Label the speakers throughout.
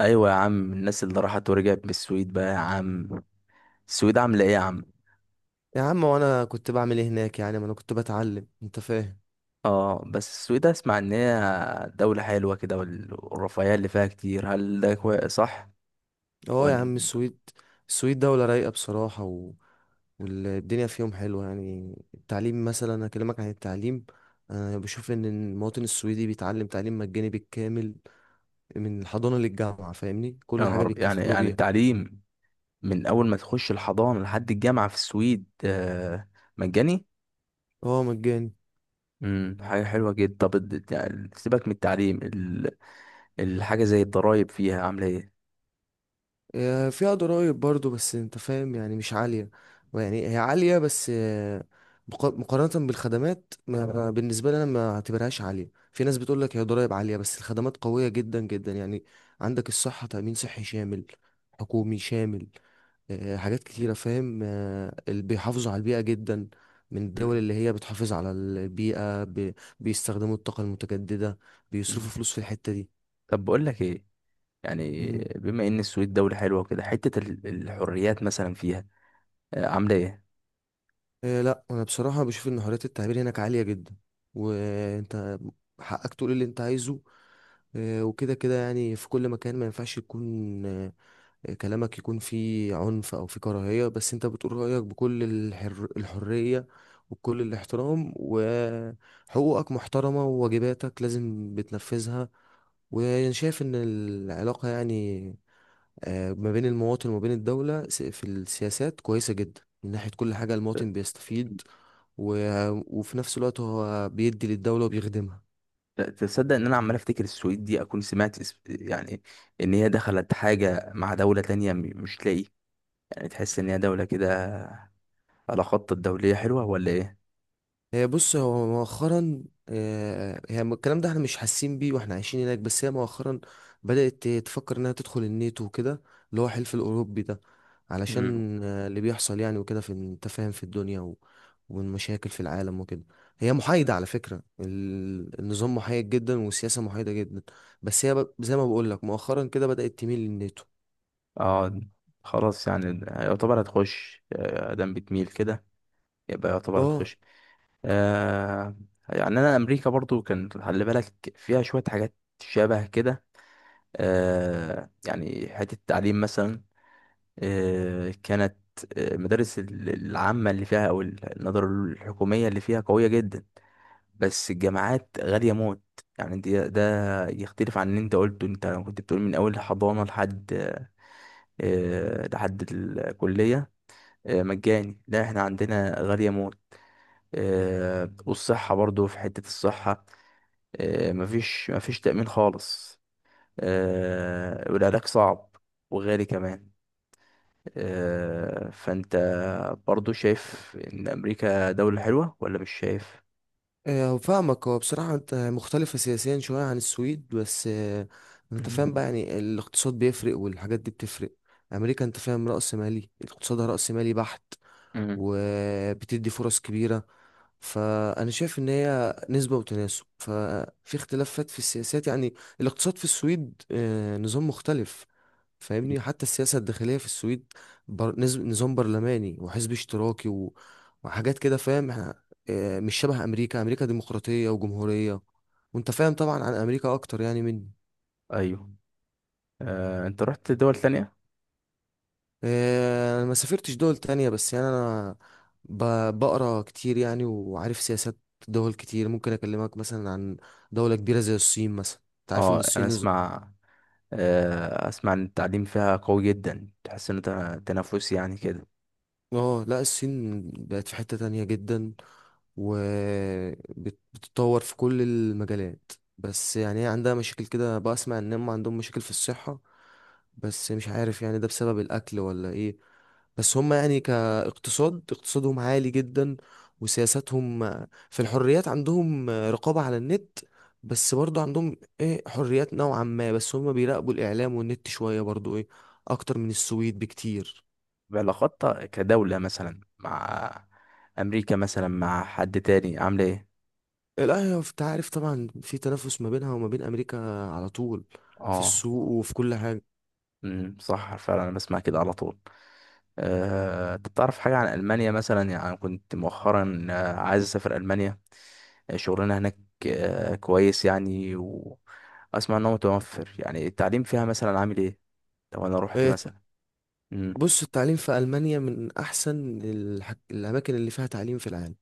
Speaker 1: ايوه يا عم. الناس اللي راحت ورجعت من السويد بقى يا عم، السويد عامله ايه يا عم؟
Speaker 2: يا عم، وانا كنت بعمل ايه هناك؟ يعني ما انا كنت بتعلم، انت فاهم.
Speaker 1: اه، بس السويد اسمع ان هي دولة حلوة كده والرفاهية اللي فيها كتير. هل ده صح؟
Speaker 2: اه يا عم،
Speaker 1: ولا؟
Speaker 2: السويد دولة رايقة بصراحة، والدنيا فيهم حلوة. يعني التعليم مثلا، اكلمك عن التعليم. انا بشوف ان المواطن السويدي بيتعلم تعليم مجاني بالكامل من الحضانة للجامعة، فاهمني؟ كل
Speaker 1: يا
Speaker 2: حاجة
Speaker 1: نهار أبيض! يعني
Speaker 2: بيتكفلوا
Speaker 1: يعني
Speaker 2: بيها.
Speaker 1: التعليم من اول ما تخش الحضانة لحد الجامعة في السويد، مجاني؟
Speaker 2: اه مجاني.
Speaker 1: حاجة حلوة جدا. طب يعني سيبك من التعليم. الحاجة زي الضرايب فيها عاملة ايه؟
Speaker 2: فيها ضرائب برضو، بس انت فاهم، يعني مش عالية. يعني هي عالية بس مقارنة بالخدمات. ما بالنسبة لي انا ما اعتبرهاش عالية. في ناس بتقول لك هي ضرائب عالية، بس الخدمات قوية جدا جدا يعني. عندك الصحة، تأمين صحي شامل حكومي شامل. حاجات كتيرة، فاهم؟ اللي بيحافظوا على البيئة جدا، من الدول
Speaker 1: مم.
Speaker 2: اللي هي بتحافظ على البيئة. بيستخدموا الطاقة المتجددة،
Speaker 1: مم.
Speaker 2: بيصرفوا فلوس في الحتة
Speaker 1: طب بقول لك ايه. يعني
Speaker 2: دي.
Speaker 1: بما ان السويد دولة حلوة كده، حتة الحريات مثلا فيها عاملة ايه؟
Speaker 2: إيه، لا انا بصراحه بشوف ان حريه التعبير هناك عاليه جدا، وانت حقك تقول اللي انت عايزه. إيه، وكده كده يعني في كل مكان ما ينفعش يكون كلامك يكون فيه عنف او فيه كراهيه، بس انت بتقول رايك بكل الحريه وبكل الاحترام، وحقوقك محترمه وواجباتك لازم بتنفذها. وانا شايف ان العلاقه يعني ما بين المواطن وما بين الدوله، في السياسات كويسه جدا. من ناحيه كل حاجه المواطن بيستفيد، و... وفي نفس الوقت هو بيدي للدولة وبيخدمها.
Speaker 1: تصدق ان انا عمال افتكر السويد دي اكون سمعت يعني ان هي دخلت حاجة مع دولة تانية مش تلاقي يعني تحس ان هي دولة كده على خط الدولية حلوة ولا ايه؟
Speaker 2: هي بص، هو مؤخرا هي الكلام ده احنا مش حاسين بيه واحنا عايشين هناك، بس هي مؤخرا بدأت تفكر انها تدخل الناتو وكده، اللي هو الحلف الأوروبي ده.
Speaker 1: امم
Speaker 2: علشان اللي بيحصل يعني وكده، في انت فاهم في الدنيا والمشاكل في العالم وكده. هي محايدة على فكرة، النظام محايد جدا والسياسة محايدة جدا، بس هي زي ما بقول لك مؤخرا كده بدأت تميل للناتو.
Speaker 1: اه. خلاص، يعني يعتبر هتخش. ادام بتميل كده يبقى يعتبر
Speaker 2: اه.
Speaker 1: هتخش. آه. يعني انا امريكا برضو كان خلي بالك فيها شوية حاجات شبه كده. يعني حتة التعليم مثلا، كانت المدارس العامة اللي فيها أو النظر الحكومية اللي فيها قوية جدا، بس الجامعات غالية موت. يعني دي ده يختلف عن اللي انت قلته. انت كنت بتقول من أول حضانة لحد، لحد الكلية، مجاني. لا، احنا عندنا غالية موت. والصحة برضو، في حتة الصحة مفيش تأمين خالص. والعلاج صعب وغالي كمان. فانت برضو شايف ان امريكا دولة حلوة ولا مش شايف؟
Speaker 2: فاهمك. هو بصراحة انت مختلفة سياسيا شوية عن السويد، بس انت فاهم
Speaker 1: مم.
Speaker 2: بقى، يعني الاقتصاد بيفرق والحاجات دي بتفرق. امريكا انت فاهم رأس مالي، اقتصادها رأس مالي بحت،
Speaker 1: مم.
Speaker 2: وبتدي فرص كبيرة. فانا شايف ان هي نسبة وتناسب، ففي اختلافات في السياسات يعني. الاقتصاد في السويد نظام مختلف، فاهمني؟ حتى السياسة الداخلية في السويد، نظام برلماني وحزب اشتراكي وحاجات كده، فاهم؟ احنا اه، مش شبه أمريكا. أمريكا ديمقراطية وجمهورية، وانت فاهم طبعا عن أمريكا أكتر يعني مني.
Speaker 1: ايوه. انت رحت دول تانية؟
Speaker 2: اه، أنا ما سافرتش دول تانية بس يعني أنا ب... بقرا كتير يعني، وعارف سياسات دول كتير. ممكن أكلمك مثلا عن دولة كبيرة زي الصين مثلا. انت عارف ان
Speaker 1: اه، انا
Speaker 2: الصين
Speaker 1: اسمع، اسمع ان التعليم فيها قوي جدا، تحس ان تنافس يعني كده.
Speaker 2: اه لا، الصين بقت في حتة تانية جدا وبتتطور في كل المجالات. بس يعني هي عندها مشاكل كده، بسمع ان هم عندهم مشاكل في الصحة، بس مش عارف يعني ده بسبب الاكل ولا ايه. بس هم يعني كاقتصاد، اقتصادهم عالي جدا. وسياساتهم في الحريات، عندهم رقابة على النت، بس برضو عندهم ايه حريات نوعا ما، بس هم بيراقبوا الاعلام والنت شوية برضو، ايه اكتر من السويد بكتير.
Speaker 1: بعلاقاتها كدولة مثلا مع امريكا مثلا مع حد تاني عاملة ايه؟
Speaker 2: لا هي انت عارف طبعا في تنافس ما بينها وما بين امريكا على طول، في
Speaker 1: اه.
Speaker 2: السوق وفي كل حاجه.
Speaker 1: صح فعلا، انا بسمع كده على طول. تعرف حاجة عن ألمانيا مثلا؟ يعني أنا كنت مؤخرا عايز أسافر ألمانيا، شغلنا هناك كويس يعني. وأسمع إن هو متوفر، يعني التعليم فيها مثلا عامل إيه لو أنا روحت
Speaker 2: آه،
Speaker 1: مثلا؟ مم.
Speaker 2: بص، التعليم في المانيا من احسن الاماكن اللي فيها تعليم في العالم.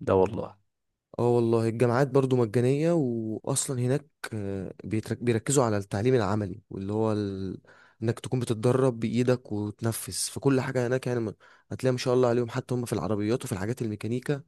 Speaker 1: ده والله؟
Speaker 2: اه والله، الجامعات برضو مجانيه واصلا هناك. بيركزوا على التعليم العملي، واللي هو انك تكون بتتدرب بايدك وتنفذ، فكل حاجه هناك يعني هتلاقي ما شاء الله عليهم. حتى هم في العربيات وفي الحاجات الميكانيكا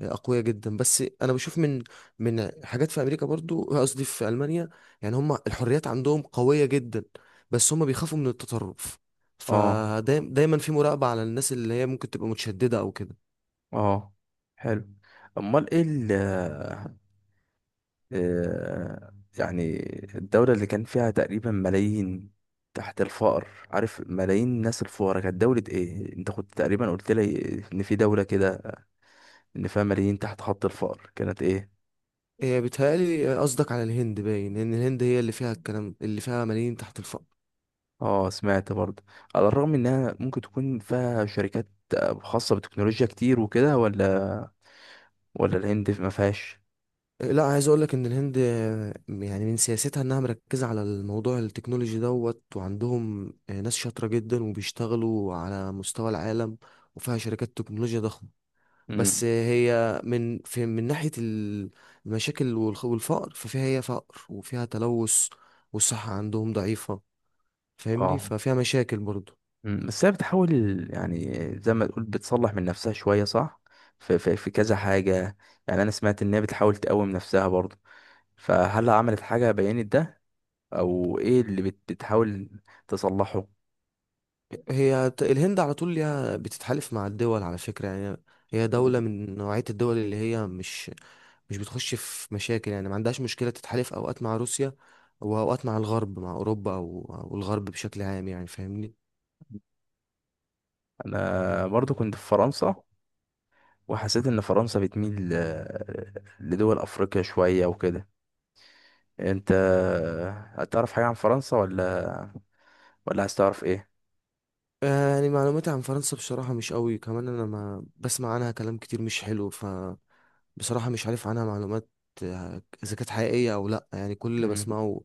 Speaker 2: اقوياء جدا. بس انا بشوف من حاجات في امريكا برضو، قصدي في المانيا، يعني هم الحريات عندهم قويه جدا، بس هم بيخافوا من التطرف،
Speaker 1: اه
Speaker 2: فدايما في مراقبه على الناس اللي هي ممكن تبقى متشدده او كده.
Speaker 1: اه. حلو. أمال إيه ال آه، آه، يعني الدولة اللي كان فيها تقريبا ملايين تحت الفقر؟ عارف، ملايين الناس الفقراء، كانت دولة إيه؟ أنت كنت تقريبا قلت لي إن في دولة كده ان فيها ملايين تحت خط الفقر، كانت ايه؟
Speaker 2: إيه، بيتهيألي قصدك على الهند. باين ان الهند هي اللي فيها الكلام، اللي فيها ملايين تحت الفقر.
Speaker 1: اه، سمعت برضه. على الرغم انها ممكن تكون فيها شركات خاصة بالتكنولوجيا كتير وكده، ولا الهند ما فيهاش؟
Speaker 2: إيه، لا عايز اقول لك ان الهند يعني من سياستها انها مركزه على الموضوع التكنولوجي دوت، وعندهم ناس شاطره جدا وبيشتغلوا على مستوى العالم، وفيها شركات تكنولوجيا ضخمه.
Speaker 1: امم
Speaker 2: بس هي من في من ناحية المشاكل والفقر، ففيها هي فقر وفيها تلوث، والصحة عندهم ضعيفة. فاهمني؟
Speaker 1: اه.
Speaker 2: ففيها مشاكل برضو.
Speaker 1: مم. بس هي بتحاول، يعني زي ما تقول بتصلح من نفسها شوية، صح؟ في كذا حاجة. يعني انا سمعت ان هي بتحاول تقوم نفسها برضه. فهل عملت حاجة بينت ده؟ او ايه اللي بتحاول تصلحه؟
Speaker 2: هي الهند على طول ليها بتتحالف مع الدول على فكرة يعني. هي دولة من نوعية الدول اللي هي مش بتخش في مشاكل، يعني ما عندهاش مشكلة تتحالف أوقات مع روسيا وأوقات مع الغرب، مع أوروبا أو الغرب بشكل عام يعني، فاهمني؟
Speaker 1: انا برضو كنت في فرنسا وحسيت ان فرنسا بتميل لدول افريقيا شوية وكده. انت هتعرف حاجة عن فرنسا ولا ولا عايز تعرف ايه؟
Speaker 2: يعني معلوماتي عن فرنسا بصراحة مش قوي كمان. أنا ما بسمع عنها كلام كتير مش حلو بصراحة، مش عارف عنها معلومات إذا كانت حقيقية أو لأ. يعني كل اللي
Speaker 1: امم
Speaker 2: بسمعه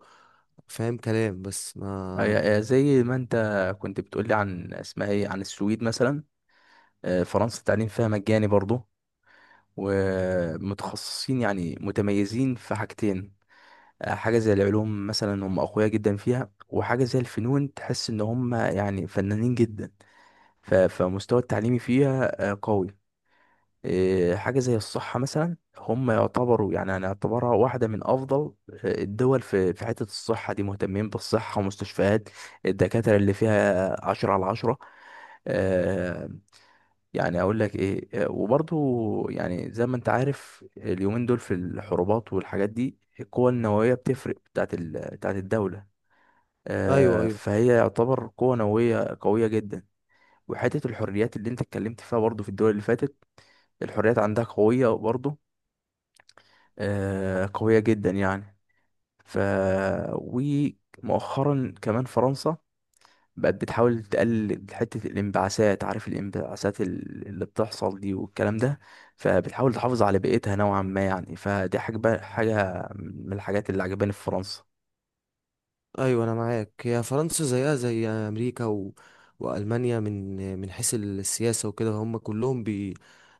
Speaker 2: فاهم كلام بس ما.
Speaker 1: زي ما انت كنت بتقولي عن اسمها ايه عن السويد مثلا، فرنسا التعليم فيها مجاني برضه، ومتخصصين يعني متميزين في حاجتين. حاجة زي العلوم مثلا هم أقوياء جدا فيها، وحاجة زي الفنون تحس إن هم يعني فنانين جدا. فمستوى التعليمي فيها قوي. إيه، حاجة زي الصحة مثلا هم يعتبروا، يعني هنعتبرها واحدة من أفضل الدول، في حتة الصحة دي مهتمين بالصحة ومستشفيات. الدكاترة اللي فيها عشرة على عشرة. آه، يعني أقول لك إيه، وبرضو يعني زي ما أنت عارف اليومين دول في الحروبات والحاجات دي، القوة النووية بتفرق بتاعت بتاعت الدولة.
Speaker 2: أيوه، أيوه.
Speaker 1: فهي يعتبر قوة نووية قوية جدا. وحتة الحريات اللي انت اتكلمت فيها برضو في الدول اللي فاتت، الحريات عندها قوية برضو، قوية جدا يعني. ف ومؤخرا كمان فرنسا بقت بتحاول تقلل حتة الانبعاثات. عارف الانبعاثات اللي بتحصل دي والكلام ده، فبتحاول تحافظ على بيئتها نوعا ما يعني. فدي حاجة من الحاجات اللي عجباني في فرنسا.
Speaker 2: أيوه أنا معاك. هي فرنسا زيها زي أمريكا وألمانيا، من حيث السياسة وكده هم كلهم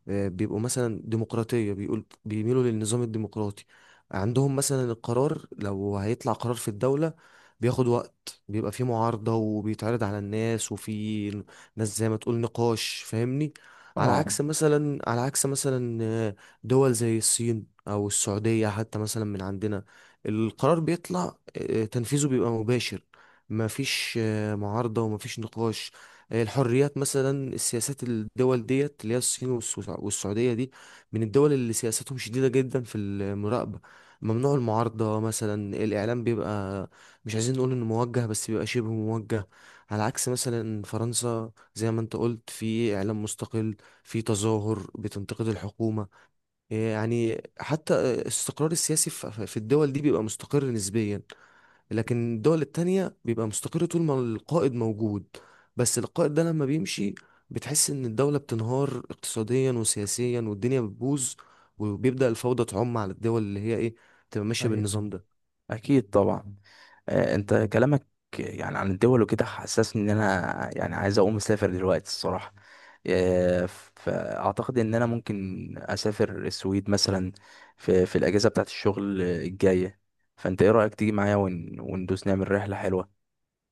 Speaker 2: بيبقوا مثلا ديمقراطية، بيقول بيميلوا للنظام الديمقراطي. عندهم مثلا القرار لو هيطلع قرار في الدولة، بياخد وقت، بيبقى فيه معارضة وبيتعرض على الناس، وفي ناس زي ما تقول نقاش، فاهمني؟ على
Speaker 1: اه.
Speaker 2: عكس مثلا، دول زي الصين أو السعودية حتى مثلا من عندنا، القرار بيطلع تنفيذه بيبقى مباشر. مفيش معارضة ومفيش نقاش. الحريات مثلا، السياسات، الدول ديت اللي هي الصين والسعودية دي، من الدول اللي سياستهم شديدة جدا في المراقبة. ممنوع المعارضة مثلا، الإعلام بيبقى مش عايزين نقول إنه موجه، بس بيبقى شبه موجه. على عكس مثلا فرنسا زي ما أنت قلت، في إعلام مستقل، في تظاهر بتنتقد الحكومة. يعني حتى الاستقرار السياسي في الدول دي بيبقى مستقر نسبيا، لكن الدول التانية بيبقى مستقر طول ما القائد موجود. بس القائد ده لما بيمشي، بتحس ان الدولة بتنهار اقتصاديا وسياسيا، والدنيا بتبوظ، وبيبدأ الفوضى تعم على الدول اللي هي ايه، تبقى ماشية
Speaker 1: ايوه،
Speaker 2: بالنظام ده.
Speaker 1: اكيد طبعا. انت كلامك يعني عن الدول وكده حسسني ان انا يعني عايز اقوم اسافر دلوقتي الصراحه. آه، فاعتقد ان انا ممكن اسافر السويد مثلا في الاجازه بتاعت الشغل الجايه. فانت ايه رايك تيجي معايا وندوس نعمل رحله حلوه؟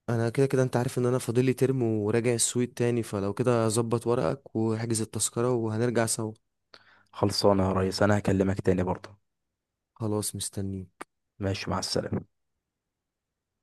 Speaker 2: انا كده كده انت عارف ان انا فاضلي ترم وراجع السويد تاني، فلو كده ظبط ورقك واحجز التذكرة وهنرجع سوا.
Speaker 1: خلصانه يا ريس، انا هكلمك تاني برضه.
Speaker 2: خلاص، مستنيك.
Speaker 1: ماشي، مع السلامه.